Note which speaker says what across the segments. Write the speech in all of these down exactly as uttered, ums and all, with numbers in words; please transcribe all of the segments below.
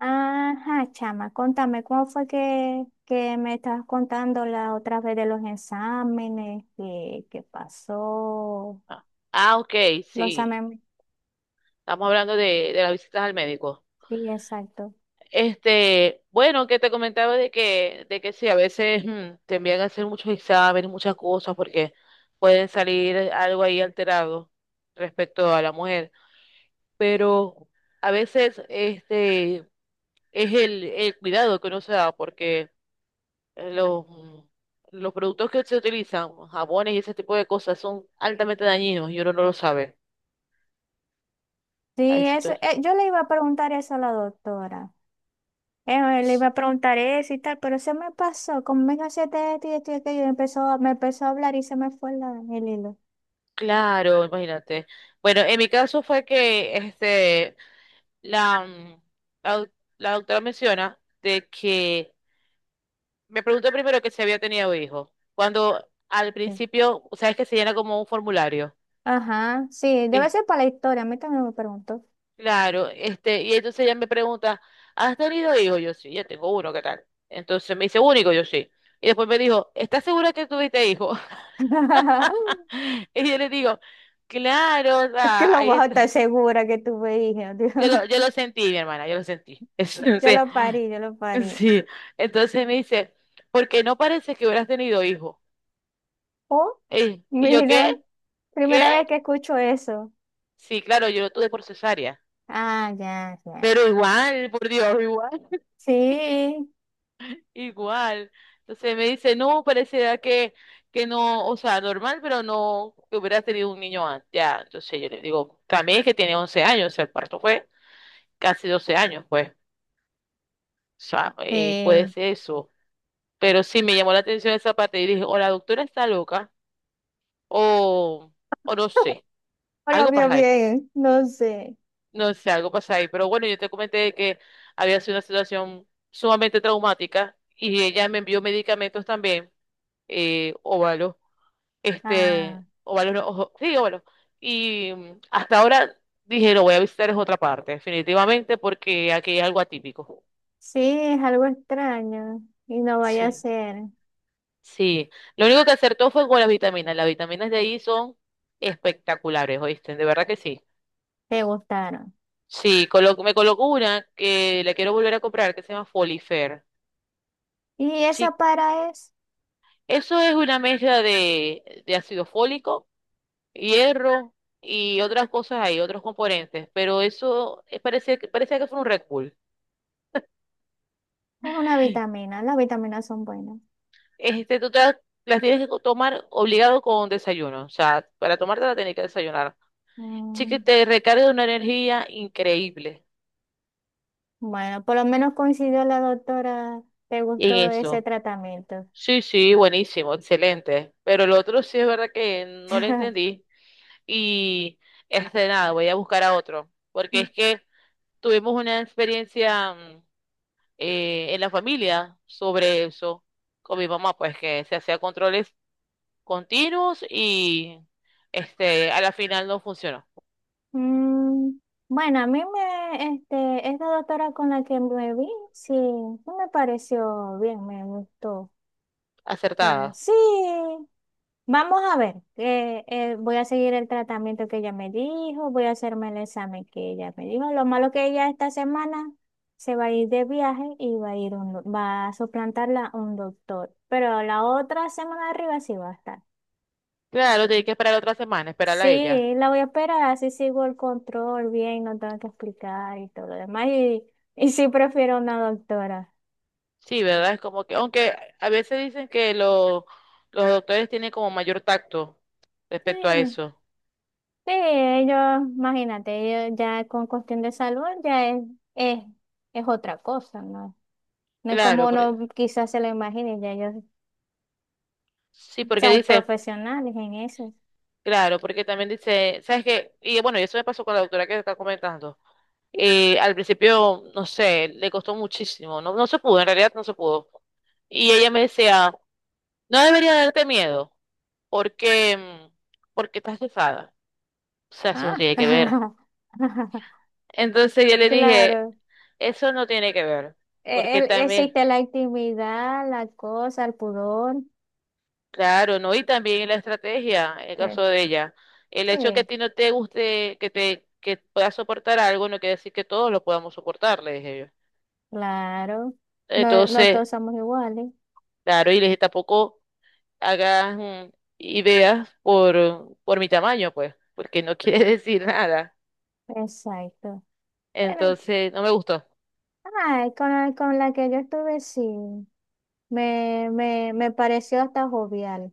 Speaker 1: Ajá, chama, contame, ¿cómo fue que, que me estabas contando la otra vez de los exámenes? ¿Qué, qué pasó?
Speaker 2: Ah, ah, ok,
Speaker 1: Los
Speaker 2: sí.
Speaker 1: exámenes,
Speaker 2: Estamos hablando de, de las visitas al médico.
Speaker 1: sí, exacto.
Speaker 2: Este, bueno, que te comentaba de que, de que sí, a veces mm, te envían a hacer muchos exámenes, muchas cosas, porque pueden salir algo ahí alterado respecto a la mujer. Pero a veces este es el, el cuidado que uno se da, porque los, mm, los productos que se utilizan, jabones y ese tipo de cosas, son altamente dañinos y uno no lo sabe. Ay,
Speaker 1: Sí,
Speaker 2: sí,
Speaker 1: eso, eh, yo le iba a preguntar eso a la doctora. Eh, le iba a preguntar eso y tal, pero se me pasó, como me cansé esto y esto y aquello, y empezó, me empezó a hablar y se me fue la- el hilo.
Speaker 2: claro, imagínate. Bueno, en mi caso fue que este, la, mm, la, doc- la doctora menciona de que me preguntó primero que si había tenido hijos. Cuando al
Speaker 1: Sí.
Speaker 2: principio, sabes que se llena como un formulario.
Speaker 1: Ajá, sí, debe
Speaker 2: Es-
Speaker 1: ser para la historia, a mí también me preguntó.
Speaker 2: claro, este, y entonces ella me pregunta, ¿has tenido hijos? Yo sí, ya tengo uno, ¿qué tal? Entonces me dice, único, yo sí. Y después me dijo, ¿estás segura que tuviste hijos? Y yo le digo, claro, o
Speaker 1: Es que
Speaker 2: sea,
Speaker 1: lo
Speaker 2: ahí
Speaker 1: vas a estar
Speaker 2: está.
Speaker 1: segura que tuve hija, Dios.
Speaker 2: Yo lo, yo lo sentí, mi hermana, yo lo sentí. Es-
Speaker 1: Yo
Speaker 2: sí,
Speaker 1: lo parí, yo lo parí.
Speaker 2: sí. Entonces me dice, ¿por qué no parece que hubieras tenido hijo?
Speaker 1: Oh,
Speaker 2: Ey, y, yo, ¿qué?
Speaker 1: mira,
Speaker 2: ¿Qué?
Speaker 1: primera vez que escucho eso.
Speaker 2: Sí, claro, yo lo tuve por cesárea.
Speaker 1: Ah, ya, ya.
Speaker 2: Pero igual, por Dios, igual,
Speaker 1: Sí,
Speaker 2: igual. Entonces me dice, no, parecerá que, que no, o sea, normal, pero no, que hubieras tenido un niño antes. Ya, entonces yo le digo, también es que tiene once años, o sea, el parto fue casi doce años, pues. O sea, eh, puede
Speaker 1: sí.
Speaker 2: ser eso. Pero sí me llamó la atención esa parte y dije, o la doctora está loca, o, o no sé,
Speaker 1: O lo
Speaker 2: algo
Speaker 1: vio
Speaker 2: pasa ahí.
Speaker 1: bien, no sé.
Speaker 2: No sé, algo pasa ahí. Pero bueno, yo te comenté que había sido una situación sumamente traumática y ella me envió medicamentos también, eh, óvalos, este,
Speaker 1: Ah,
Speaker 2: óvalos, no, ojo, sí, óvalos. Y mm, hasta ahora dije, lo voy a visitar en otra parte, definitivamente, porque aquí hay algo atípico.
Speaker 1: sí, es algo extraño y no vaya a
Speaker 2: Sí.
Speaker 1: ser.
Speaker 2: Sí, lo único que acertó fue con las vitaminas. Las vitaminas de ahí son espectaculares, ¿oíste? De verdad que sí.
Speaker 1: Te gustaron.
Speaker 2: Sí, colo- me colocó una que la quiero volver a comprar, que se llama Folifer.
Speaker 1: Y esa
Speaker 2: Sí,
Speaker 1: para es,
Speaker 2: eso es una mezcla de, de ácido fólico, hierro y otras cosas ahí, otros componentes, pero eso eh, parece, que- parece que fue un Red Bull.
Speaker 1: es una vitamina, las vitaminas son buenas.
Speaker 2: Este, tú te las las tienes que co- tomar obligado con desayuno, o sea, para tomártela tenés que desayunar. Sí que
Speaker 1: Mm,
Speaker 2: te recarga de una energía increíble.
Speaker 1: bueno, por lo menos coincidió la doctora, te
Speaker 2: En
Speaker 1: gustó ese
Speaker 2: eso.
Speaker 1: tratamiento.
Speaker 2: Sí, sí, buenísimo, excelente. Pero el otro sí es verdad que no lo entendí. Y este nada, voy a buscar a otro. Porque es que tuvimos una experiencia mm, eh, en la familia sobre eso con mi mamá, pues que se hacía controles continuos y este a la final no funcionó.
Speaker 1: Mm, bueno, a mí me, este, esta doctora con la que me vi, sí, sí me pareció bien, me gustó. O sea,
Speaker 2: Acertada.
Speaker 1: sí, vamos a ver, eh, eh, voy a seguir el tratamiento que ella me dijo, voy a hacerme el examen que ella me dijo. Lo malo que ella esta semana se va a ir de viaje y va a ir un, do- va a suplantarla un doctor, pero la otra semana de arriba sí va a estar.
Speaker 2: Claro, tenía que esperar otra semana, esperarla a ella.
Speaker 1: Sí, la voy a esperar, así sigo el control bien, no tengo que explicar y todo lo demás. Y, y sí prefiero una doctora.
Speaker 2: Sí, ¿verdad? Es como que, aunque a veces dicen que lo- los doctores tienen como mayor tacto respecto a
Speaker 1: Sí,
Speaker 2: eso.
Speaker 1: sí, ellos, imagínate, ellos ya con cuestión de salud ya es, es, es otra cosa, ¿no? No es como
Speaker 2: Claro, porque,
Speaker 1: uno quizás se lo imagine, ya ellos
Speaker 2: sí, porque
Speaker 1: son
Speaker 2: dice,
Speaker 1: profesionales en eso.
Speaker 2: claro, porque también dice, ¿sabes qué? Y bueno, y eso me pasó con la doctora que está comentando. Eh, al principio, no sé, le costó muchísimo, no, no se pudo, en realidad no se pudo. Y ella me decía, no debería darte miedo, porque, mm, porque estás cesada. O sea, eso no
Speaker 1: Ah,
Speaker 2: tiene que ver. Entonces yo le dije,
Speaker 1: claro.
Speaker 2: eso no tiene que ver,
Speaker 1: E-
Speaker 2: porque
Speaker 1: el-
Speaker 2: también,
Speaker 1: existe la intimidad, la cosa, el pudor.
Speaker 2: claro, ¿no? Y también la estrategia, el
Speaker 1: eh,
Speaker 2: caso de ella, el hecho que a
Speaker 1: sí.
Speaker 2: ti no te guste, que te que puedas soportar algo, no quiere decir que todos lo podamos soportar, le dije yo.
Speaker 1: Claro, no, no
Speaker 2: Entonces,
Speaker 1: todos somos iguales.
Speaker 2: claro, y les dije, tampoco hagas mm, ideas por, por mi tamaño, pues, porque no quiere decir nada.
Speaker 1: Exacto. Pero,
Speaker 2: Entonces, no me gustó,
Speaker 1: ay, con la, con la que yo estuve, sí, me, me, me pareció hasta jovial.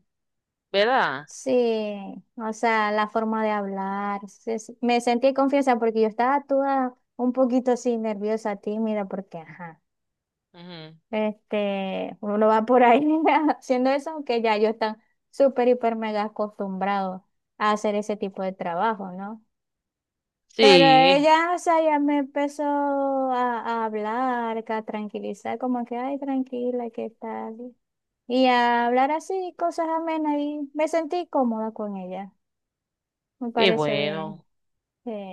Speaker 2: ¿verdad?
Speaker 1: Sí, o sea, la forma de hablar. Se- se- me sentí confianza porque yo estaba toda un poquito así nerviosa, tímida, porque, ajá,
Speaker 2: Ujú.
Speaker 1: este, uno va por ahí haciendo eso, aunque ya yo están súper, hiper, mega acostumbrado a hacer ese tipo de trabajo, ¿no? Pero
Speaker 2: Sí,
Speaker 1: ella, o sea, ya me empezó a, a hablar, que a tranquilizar, como que, ay, tranquila, ¿qué tal? Y a hablar así, cosas amenas, y me sentí cómoda con ella. Me
Speaker 2: qué
Speaker 1: pareció bien.
Speaker 2: bueno,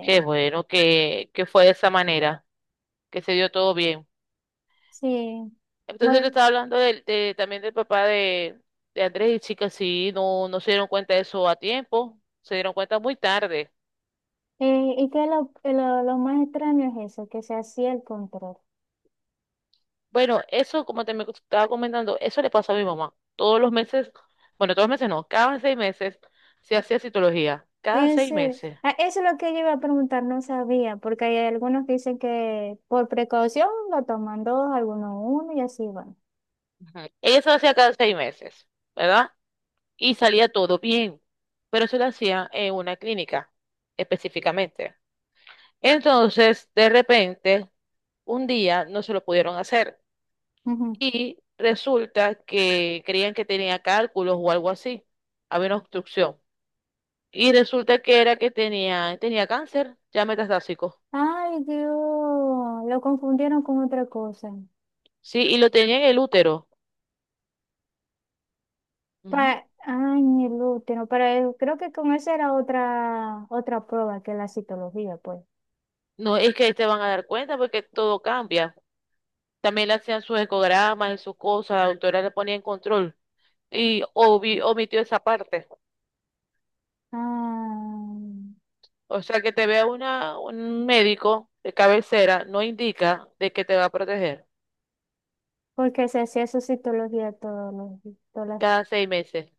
Speaker 2: qué bueno que, que fue de esa manera, que se dio todo bien.
Speaker 1: sí.
Speaker 2: Entonces yo
Speaker 1: Voy-
Speaker 2: estaba hablando del- de, también del papá de, de Andrés y chicas, sí, no, no se dieron cuenta de eso a tiempo, se dieron cuenta muy tarde.
Speaker 1: eh, y que lo, lo, lo más extraño es eso, que se hacía el control.
Speaker 2: Bueno, eso, como te me estaba comentando, eso le pasa a mi mamá. Todos los meses, bueno, todos los meses no, cada seis meses se hacía citología, cada
Speaker 1: En
Speaker 2: seis
Speaker 1: serio.
Speaker 2: meses.
Speaker 1: Ah, eso es lo que yo iba a preguntar, no sabía, porque hay algunos que dicen que por precaución lo toman dos, algunos uno, y así van.
Speaker 2: Ujú. Ella se lo hacía cada seis meses, ¿verdad? Y salía todo bien, pero se lo hacía en una clínica específicamente. Entonces, de repente, un día no se lo pudieron hacer y resulta que creían que tenía cálculos o algo así, había una obstrucción y resulta que era que tenía, tenía cáncer ya metastásico,
Speaker 1: Ay, Dios, lo confundieron con otra cosa.
Speaker 2: sí, y lo tenía en el útero. Ujú.
Speaker 1: Pa Ay, mi útero, pero eh, creo que con esa era otra, otra prueba que la citología, pues.
Speaker 2: No es que ahí te van a dar cuenta porque todo cambia. También le hacían sus ecogramas y sus cosas, la doctora le ponía en control y obvi- omitió esa parte.
Speaker 1: Ah,
Speaker 2: O sea, que te vea una, un médico de cabecera no indica de que te va a proteger
Speaker 1: porque se hacía su citología todos los, di- todas las-
Speaker 2: cada seis meses.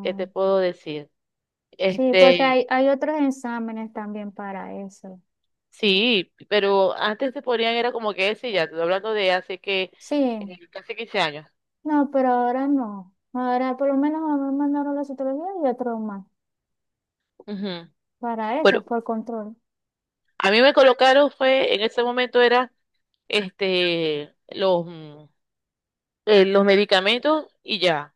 Speaker 2: ¿Qué te puedo decir?
Speaker 1: Sí, porque
Speaker 2: Este,
Speaker 1: hay, hay otros exámenes también para eso.
Speaker 2: sí, pero antes se ponían, era como que ese ya, te estoy hablando de hace que,
Speaker 1: Sí,
Speaker 2: eh, casi quince años.
Speaker 1: no, pero ahora no. Ahora por lo menos a mí me mandaron la citología y otro más
Speaker 2: Ujú.
Speaker 1: para eso,
Speaker 2: Bueno,
Speaker 1: por control,
Speaker 2: a mí me colocaron fue, en ese momento era, este, los, mm, eh, los medicamentos y ya.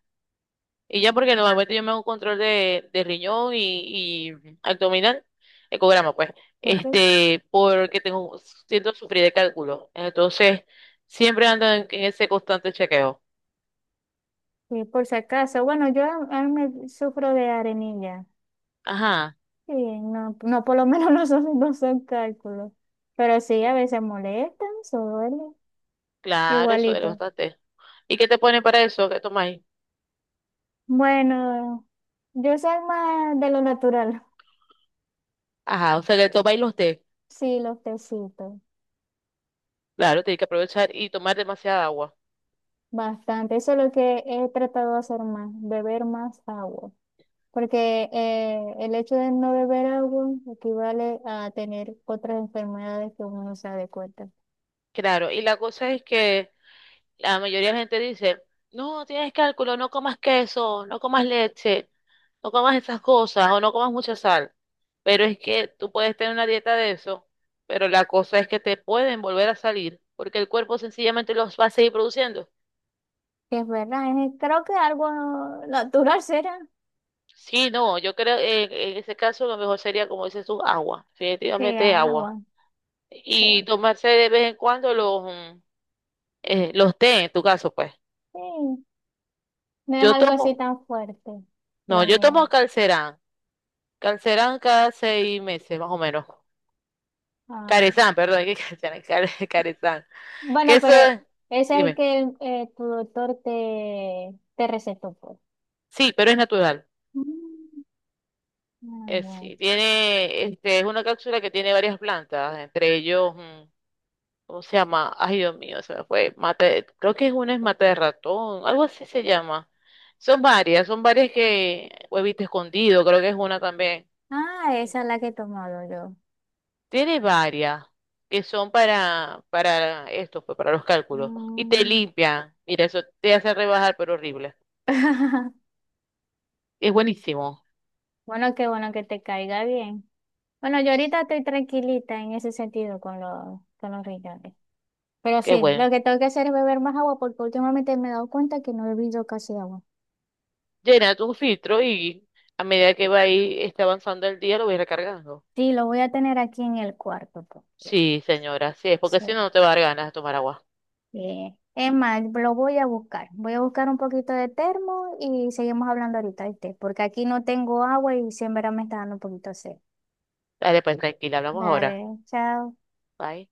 Speaker 2: Y ya porque normalmente yo me hago un control de, de riñón y, y abdominal, ecograma pues,
Speaker 1: ¿ok?
Speaker 2: este, porque tengo, siento sufrir de cálculo. Entonces, siempre ando en en ese constante chequeo.
Speaker 1: Sí, por si acaso. Bueno, yo a- a mí me sufro de arenilla.
Speaker 2: Ajá.
Speaker 1: Sí, no, no, por lo menos no son, no son cálculos. Pero sí,
Speaker 2: Eh,
Speaker 1: a veces molestan, se duele.
Speaker 2: claro, eso es
Speaker 1: Igualito.
Speaker 2: bastante. ¿Y qué te ponen para eso? ¿Qué tomáis?
Speaker 1: Bueno, yo soy más de lo natural.
Speaker 2: Ajá, o sea, que tomáis los té.
Speaker 1: Sí, los tecitos.
Speaker 2: Claro, tenéis que aprovechar y tomar demasiada agua.
Speaker 1: Bastante. Eso es lo que he tratado de hacer más, beber más agua. Porque eh, el hecho de no beber agua equivale a tener otras enfermedades que uno no se da de cuenta.
Speaker 2: Claro, y la cosa es que la mayoría de la gente dice, no, tienes cálculo, no comas queso, no comas leche, no comas esas cosas o no comas mucha sal. Pero es que tú puedes tener una dieta de eso, pero la cosa es que te pueden volver a salir porque el cuerpo sencillamente los va a seguir produciendo.
Speaker 1: Sí, es verdad, es- creo que algo natural será.
Speaker 2: Sí, no, yo creo que en, en ese caso lo mejor sería, como dices tú, agua,
Speaker 1: Sí,
Speaker 2: definitivamente agua.
Speaker 1: agua,
Speaker 2: Y
Speaker 1: sí.
Speaker 2: tomarse de vez en cuando los, mm, eh, los té, en tu caso, pues.
Speaker 1: Sí, no es
Speaker 2: Yo
Speaker 1: algo así
Speaker 2: tomo,
Speaker 1: tan fuerte,
Speaker 2: no,
Speaker 1: lo
Speaker 2: yo tomo
Speaker 1: mío.
Speaker 2: Calcerán, Calcerán cada seis meses, más o menos.
Speaker 1: Ah,
Speaker 2: Carezán, perdón, que Calcerán, Care- Carezán. Que
Speaker 1: bueno,
Speaker 2: eso
Speaker 1: pero ese
Speaker 2: es,
Speaker 1: es el
Speaker 2: dime,
Speaker 1: que eh, tu doctor te, te recetó, pues.
Speaker 2: sí, pero es natural.
Speaker 1: Mm, ah,
Speaker 2: Eh,
Speaker 1: bueno.
Speaker 2: sí, tiene, este, es una cápsula que tiene varias plantas, entre ellos, mm, o se llama, ay Dios mío, se me fue, mate, creo que es una es mate de ratón, algo así se llama. Son varias, son varias que, huevito escondido, creo que es una también.
Speaker 1: Ah, esa es la que he tomado yo.
Speaker 2: Tiene varias que son para, para esto, pues para los cálculos. Y te
Speaker 1: Mm.
Speaker 2: limpian, mira, eso te hace rebajar, pero horrible. Es buenísimo,
Speaker 1: Bueno, qué bueno que te caiga bien. Bueno, yo ahorita estoy tranquilita en ese sentido con los, con los riñones. Pero
Speaker 2: qué
Speaker 1: sí, lo
Speaker 2: bueno.
Speaker 1: que tengo que hacer es beber más agua porque últimamente me he dado cuenta que no he bebido casi agua.
Speaker 2: Llena tu filtro y a medida que va ahí, está avanzando el día, lo voy recargando.
Speaker 1: Sí, lo voy a tener aquí en el cuarto porque
Speaker 2: Sí, señora, sí es, porque
Speaker 1: sí.
Speaker 2: si no, no te va a dar ganas de tomar agua.
Speaker 1: Eh, es más, lo voy a buscar. Voy a buscar un poquito de termo y seguimos hablando ahorita, ¿viste? Porque aquí no tengo agua y siempre me está dando un poquito de sed.
Speaker 2: Dale, pues tranquila, hablamos
Speaker 1: Dale,
Speaker 2: ahora.
Speaker 1: chao.
Speaker 2: Bye.